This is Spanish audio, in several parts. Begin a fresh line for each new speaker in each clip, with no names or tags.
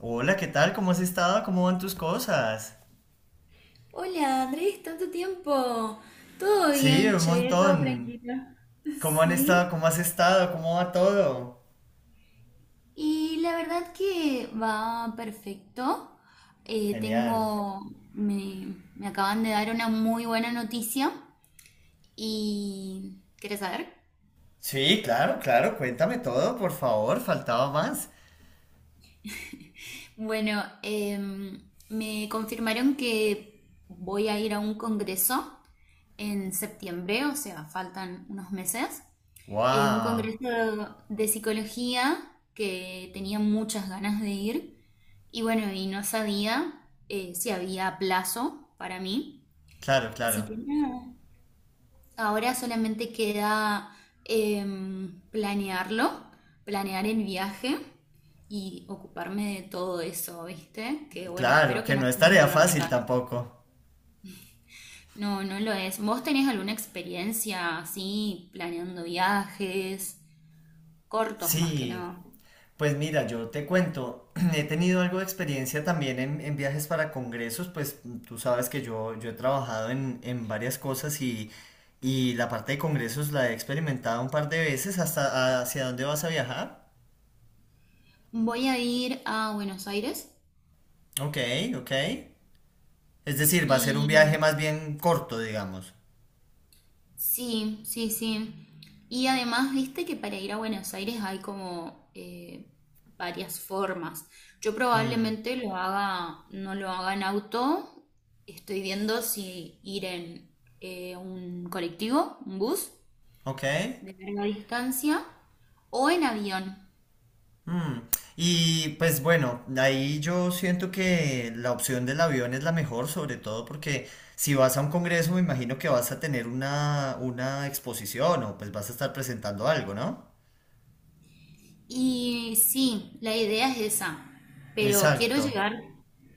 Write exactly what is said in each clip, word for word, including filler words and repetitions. Hola, ¿qué tal? ¿Cómo has estado? ¿Cómo van tus cosas?
Hola, Andrés, tanto tiempo. Todo
Sí,
bien,
un
llegué todo
montón.
tranquilo.
¿Cómo han estado?
Sí.
¿Cómo has estado? ¿Cómo va todo?
Y la verdad que va perfecto. Eh,
Genial.
tengo, me, me acaban de dar una muy buena noticia y ¿quieres saber?
Sí, claro, claro, cuéntame todo, por favor, faltaba más.
Bueno, em, me confirmaron que voy a ir a un congreso en septiembre, o sea, faltan unos meses. Eh, un
Wow.
congreso de psicología que tenía muchas ganas de ir y bueno, y no sabía, eh, si había plazo para mí.
Claro,
Así
claro.
que nada, ahora solamente queda, em, planearlo, planear el viaje y ocuparme de todo eso, ¿viste? Que bueno,
Claro,
espero que
que
no
no es
sea un
tarea
dolor de
fácil
cabeza.
tampoco.
No, no lo es. ¿Vos tenés alguna experiencia así planeando viajes cortos más que
Sí,
nada?
pues mira, yo te cuento, he tenido algo de experiencia también en, en viajes para congresos, pues tú sabes que yo, yo he trabajado en, en varias cosas y, y la parte de congresos la he experimentado un par de veces. ¿Hasta hacia dónde vas a viajar?
Voy a ir a Buenos Aires
Ok, ok. Es decir, va a ser un viaje
y
más bien corto, digamos.
sí, sí, sí. Y además, viste que para ir a Buenos Aires hay como, eh, varias formas. Yo
Mm,
probablemente lo haga, no lo haga en auto. Estoy viendo si ir en, eh, un colectivo, un bus
ok.
de larga distancia o en avión.
Mm, y pues bueno, ahí yo siento que la opción del avión es la mejor, sobre todo porque si vas a un congreso me imagino que vas a tener una, una exposición o pues vas a estar presentando algo, ¿no?
Y sí, la idea es esa, pero quiero
Exacto.
llegar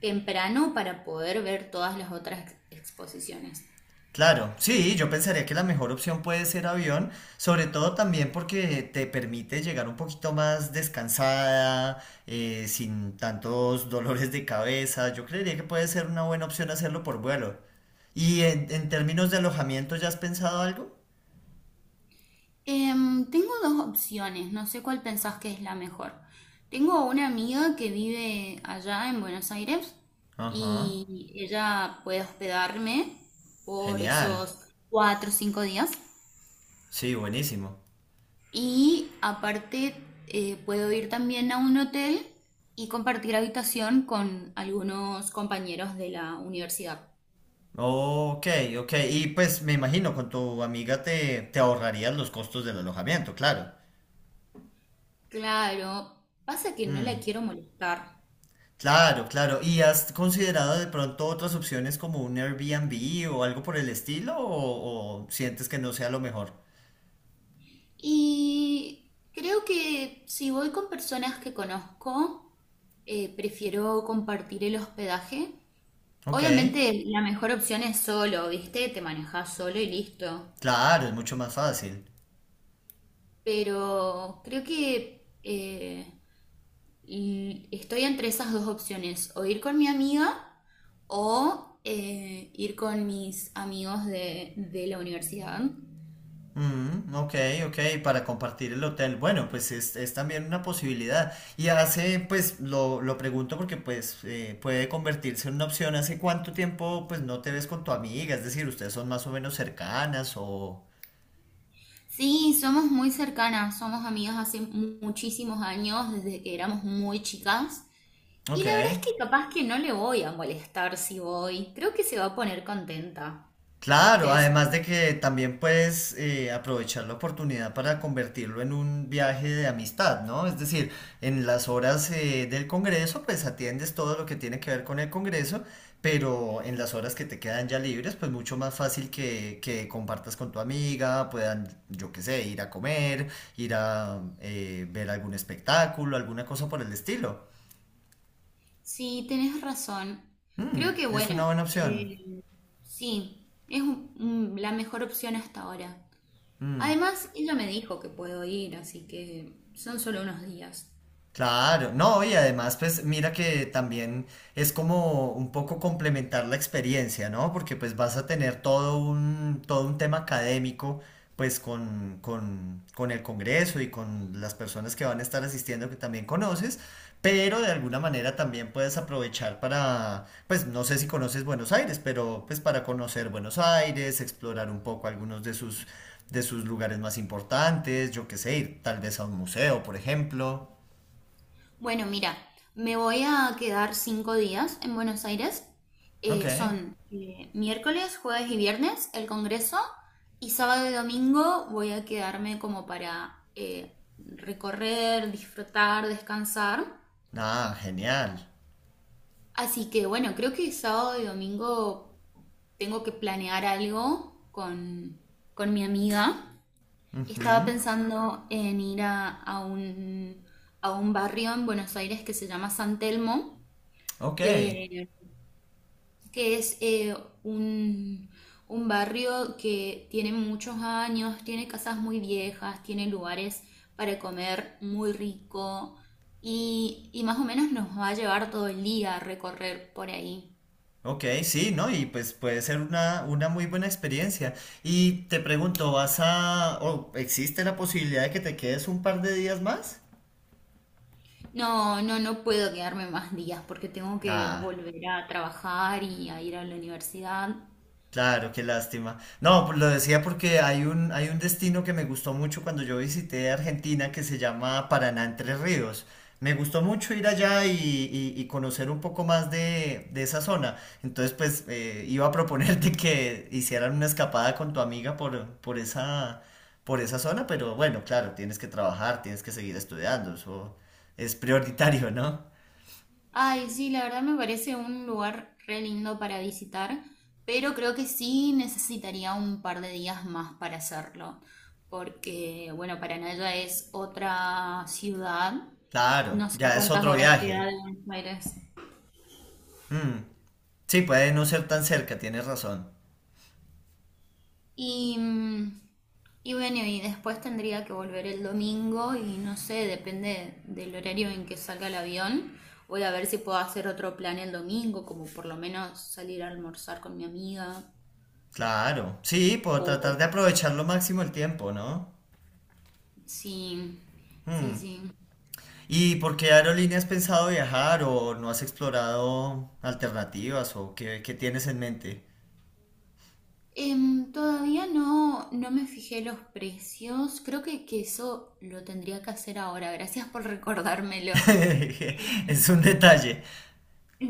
temprano para poder ver todas las otras ex- exposiciones.
Claro, sí, yo pensaría que la mejor opción puede ser avión, sobre todo también porque te permite llegar un poquito más descansada, eh, sin tantos dolores de cabeza. Yo creería que puede ser una buena opción hacerlo por vuelo. ¿Y en, en términos de alojamiento ya has pensado algo?
Em, tengo dos opciones, no sé cuál pensás que es la mejor. Tengo una amiga que vive allá en Buenos Aires
Ajá,
y ella puede hospedarme por
genial.
esos cuatro o cinco días.
Sí, buenísimo.
Y aparte, eh, puedo ir también a un hotel y compartir habitación con algunos compañeros de la universidad.
Ok, ok. Y pues me imagino, con tu amiga te, te ahorrarías los costos del alojamiento, claro.
Claro, pasa que no la
Mm.
quiero molestar.
Claro, claro. ¿Y has considerado de pronto otras opciones como un Airbnb o algo por el estilo? ¿O, o sientes que no sea lo mejor?
Y creo que si voy con personas que conozco, eh, prefiero compartir el hospedaje.
Ok,
Obviamente la mejor opción es solo, ¿viste? Te manejas solo y listo.
claro, es mucho más fácil.
Pero creo que eh, y estoy entre esas dos opciones, o ir con mi amiga o eh, ir con mis amigos de, de la universidad.
Mm, ok, ok, para compartir el hotel. Bueno, pues es, es también una posibilidad. Y hace, pues lo, lo pregunto porque pues eh, puede convertirse en una opción. ¿Hace cuánto tiempo pues no te ves con tu amiga? Es decir, ustedes son más o menos cercanas o...
Sí, somos muy cercanas, somos amigas hace mu- muchísimos años, desde que éramos muy chicas. Y
Ok.
la verdad es que capaz que no le voy a molestar si voy. Creo que se va a poner contenta. ¿Vos qué
Claro,
decís?
además de que también puedes eh, aprovechar la oportunidad para convertirlo en un viaje de amistad, ¿no? Es decir, en las horas eh, del Congreso, pues atiendes todo lo que tiene que ver con el Congreso, pero en las horas que te quedan ya libres, pues mucho más fácil que, que compartas con tu amiga, puedan, yo qué sé, ir a comer, ir a eh, ver algún espectáculo, alguna cosa por el estilo.
Sí, tenés razón. Creo
Mm,
que
es una
bueno,
buena opción.
eh, sí, es un- un- la mejor opción hasta ahora.
Mm.
Además, ella me dijo que puedo ir, así que son solo unos días.
Claro, no, y además, pues mira que también es como un poco complementar la experiencia, ¿no? Porque pues vas a tener todo un, todo un tema académico, pues con, con, con el Congreso y con las personas que van a estar asistiendo que también conoces, pero de alguna manera también puedes aprovechar para, pues no sé si conoces Buenos Aires, pero pues para conocer Buenos Aires, explorar un poco algunos de sus, de sus lugares más importantes, yo qué sé, ir tal vez a un museo, por ejemplo.
Bueno, mira, me voy a quedar cinco días en Buenos Aires.
Ok.
Eh, son, eh, miércoles, jueves y viernes el congreso y sábado y domingo voy a quedarme como para, eh, recorrer, disfrutar, descansar.
Ah, genial.
Así que bueno, creo que sábado y domingo tengo que planear algo con, con mi amiga. Estaba
Ujú.
pensando en ir a, a un, a un barrio en Buenos Aires que se llama San Telmo,
Ok.
que, que es, eh, un, un barrio que tiene muchos años, tiene casas muy viejas, tiene lugares para comer muy rico y, y más o menos nos va a llevar todo el día a recorrer por ahí.
Ok, sí, ¿no? Y pues puede ser una, una muy buena experiencia. Y te pregunto, ¿vas a... o existe la posibilidad de que te quedes un par de días más?
No, no, no puedo quedarme más días porque tengo que
Ah.
volver a trabajar y a ir a la universidad.
Claro, qué lástima. No, pues lo decía porque hay un, hay un destino que me gustó mucho cuando yo visité Argentina que se llama Paraná Entre Ríos. Me gustó mucho ir allá y, y- y conocer un poco más de, de esa zona. Entonces, pues eh, iba a proponerte que hicieran una escapada con tu amiga por, por esa, por esa zona, pero bueno, claro, tienes que trabajar, tienes que seguir estudiando, eso es prioritario, ¿no?
Ay, sí, la verdad me parece un lugar re lindo para visitar, pero creo que sí necesitaría un par de días más para hacerlo, porque, bueno, Paranaya es otra ciudad,
Claro,
no sé a
ya es
cuántas
otro
horas
viaje.
queda de Buenos Aires.
Mm, sí, puede no ser tan cerca, tienes razón.
Y, mm, y bueno, y después tendría que volver el domingo y no sé, depende del horario en que salga el avión. Voy a ver si puedo hacer otro plan el domingo, como por lo menos salir a almorzar con mi amiga.
Claro, sí, por tratar
O
de aprovechar lo máximo el tiempo, ¿no?
Sí, sí,
Mm.
sí.
¿Y por qué aerolínea has pensado viajar o no has explorado alternativas o qué, qué tienes en mente?
Em, todavía no, no me fijé los precios. Creo que, que eso lo tendría que hacer ahora. Gracias por recordármelo.
Es un detalle.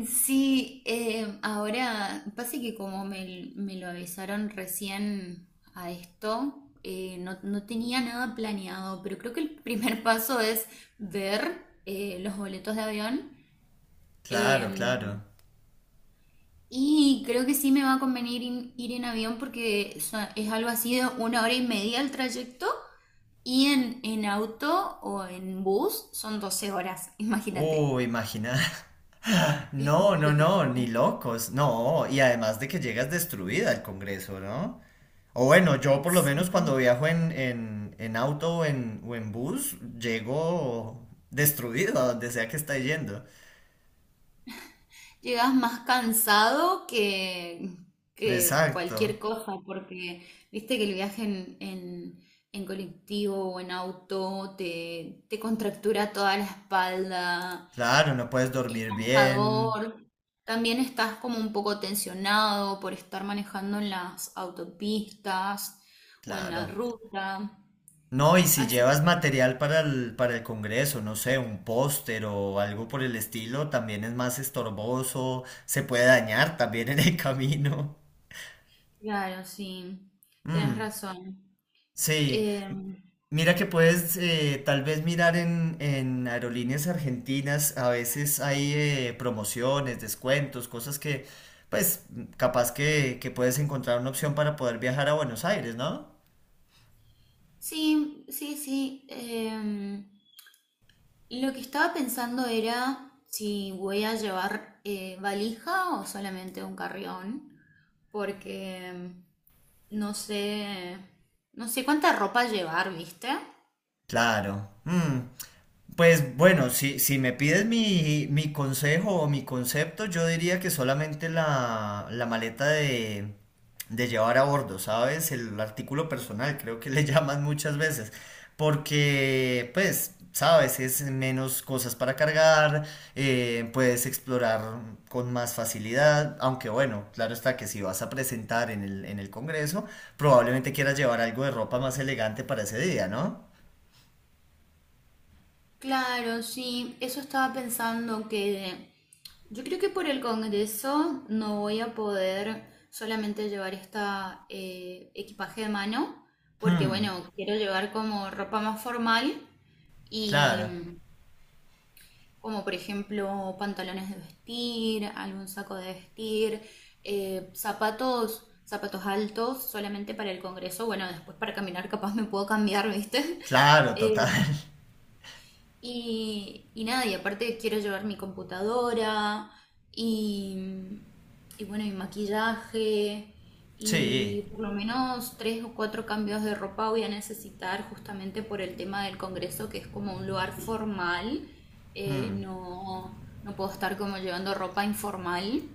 Sí, em, ahora pasa que como me, me lo avisaron recién a esto, eh, no, no tenía nada planeado, pero creo que el primer paso es ver, eh, los boletos de avión.
Claro, claro.
Em, Y creo que sí me va a convenir in- ir en avión porque so- es algo así de una hora y media el trayecto y en, en auto o en bus son doce horas,
Uh,
imagínate.
imagina.
Es
No, no,
mucho
no,
tiempo.
ni locos. No, y además de que llegas destruida al Congreso, ¿no? O bueno, yo por lo menos cuando
Sí.
viajo en, en, en auto o en, o en bus, llego destruido a donde sea que esté yendo.
Llegas más cansado que, que cualquier
Exacto.
cosa porque viste que el viaje en, en, en colectivo o en auto te, te contractura toda la espalda.
Claro, no puedes
Es
dormir bien.
cansador. También estás como un poco tensionado por estar manejando en las autopistas o en
Claro.
la ruta.
No, y si
Así,
llevas material para el, para el Congreso, no sé, un póster o algo por el estilo, también es más estorboso, se puede dañar también en el camino.
claro, sí, tenés
Mm,
razón.
sí,
Em,
mira que puedes eh, tal vez mirar en, en aerolíneas argentinas, a veces hay eh, promociones, descuentos, cosas que, pues, capaz que, que puedes encontrar una opción para poder viajar a Buenos Aires, ¿no?
sí, sí, sí. Em, lo que estaba pensando era si voy a llevar, eh, valija o solamente un carrión, porque, em, no sé, no sé cuánta ropa llevar, ¿viste?
Claro. Mm, pues bueno, si, si me pides mi, mi consejo o mi concepto, yo diría que solamente la, la maleta de, de llevar a bordo, ¿sabes? El artículo personal, creo que le llaman muchas veces. Porque, pues, sabes, es menos cosas para cargar, eh, puedes explorar con más facilidad, aunque bueno, claro está que si vas a presentar en el, en el Congreso, probablemente quieras llevar algo de ropa más elegante para ese día, ¿no?
Claro, sí, eso estaba pensando que yo creo que por el Congreso no voy a poder solamente llevar esta, eh, equipaje de mano, porque
Hmm.
bueno, quiero llevar como ropa más formal y
Claro,
como por ejemplo pantalones de vestir, algún saco de vestir, eh, zapatos, zapatos altos solamente para el Congreso, bueno, después para caminar capaz me puedo cambiar, ¿viste?
claro, total.
Y, y nada, y aparte quiero llevar mi computadora y, y bueno, mi maquillaje
Sí,
y por lo menos tres o cuatro cambios de ropa voy a necesitar justamente por el tema del congreso, que es como un lugar formal. Eh,
mm,
no, no puedo estar como llevando ropa informal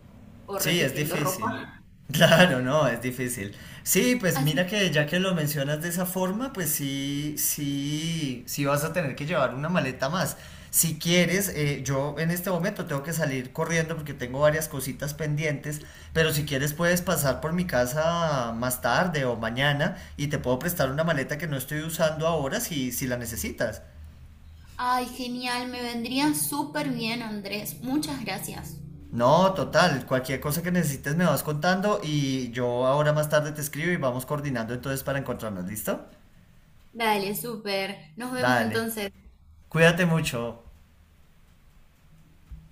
o
sí, es
repitiendo
difícil.
ropa.
Claro, no, es difícil. Sí, pues
Así,
mira que ya que lo mencionas de esa forma, pues sí, sí, sí vas a tener que llevar una maleta más. Si quieres, eh, yo en este momento tengo que salir corriendo porque tengo varias cositas pendientes, pero si quieres puedes pasar por mi casa más tarde o mañana y te puedo prestar una maleta que no estoy usando ahora si, si la necesitas.
ay, genial, me vendría súper bien, Andrés. Muchas gracias.
No, total, cualquier cosa que necesites me vas contando y yo ahora más tarde te escribo y vamos coordinando entonces para encontrarnos, ¿listo?
Dale, súper. Nos vemos
Dale,
entonces.
cuídate mucho.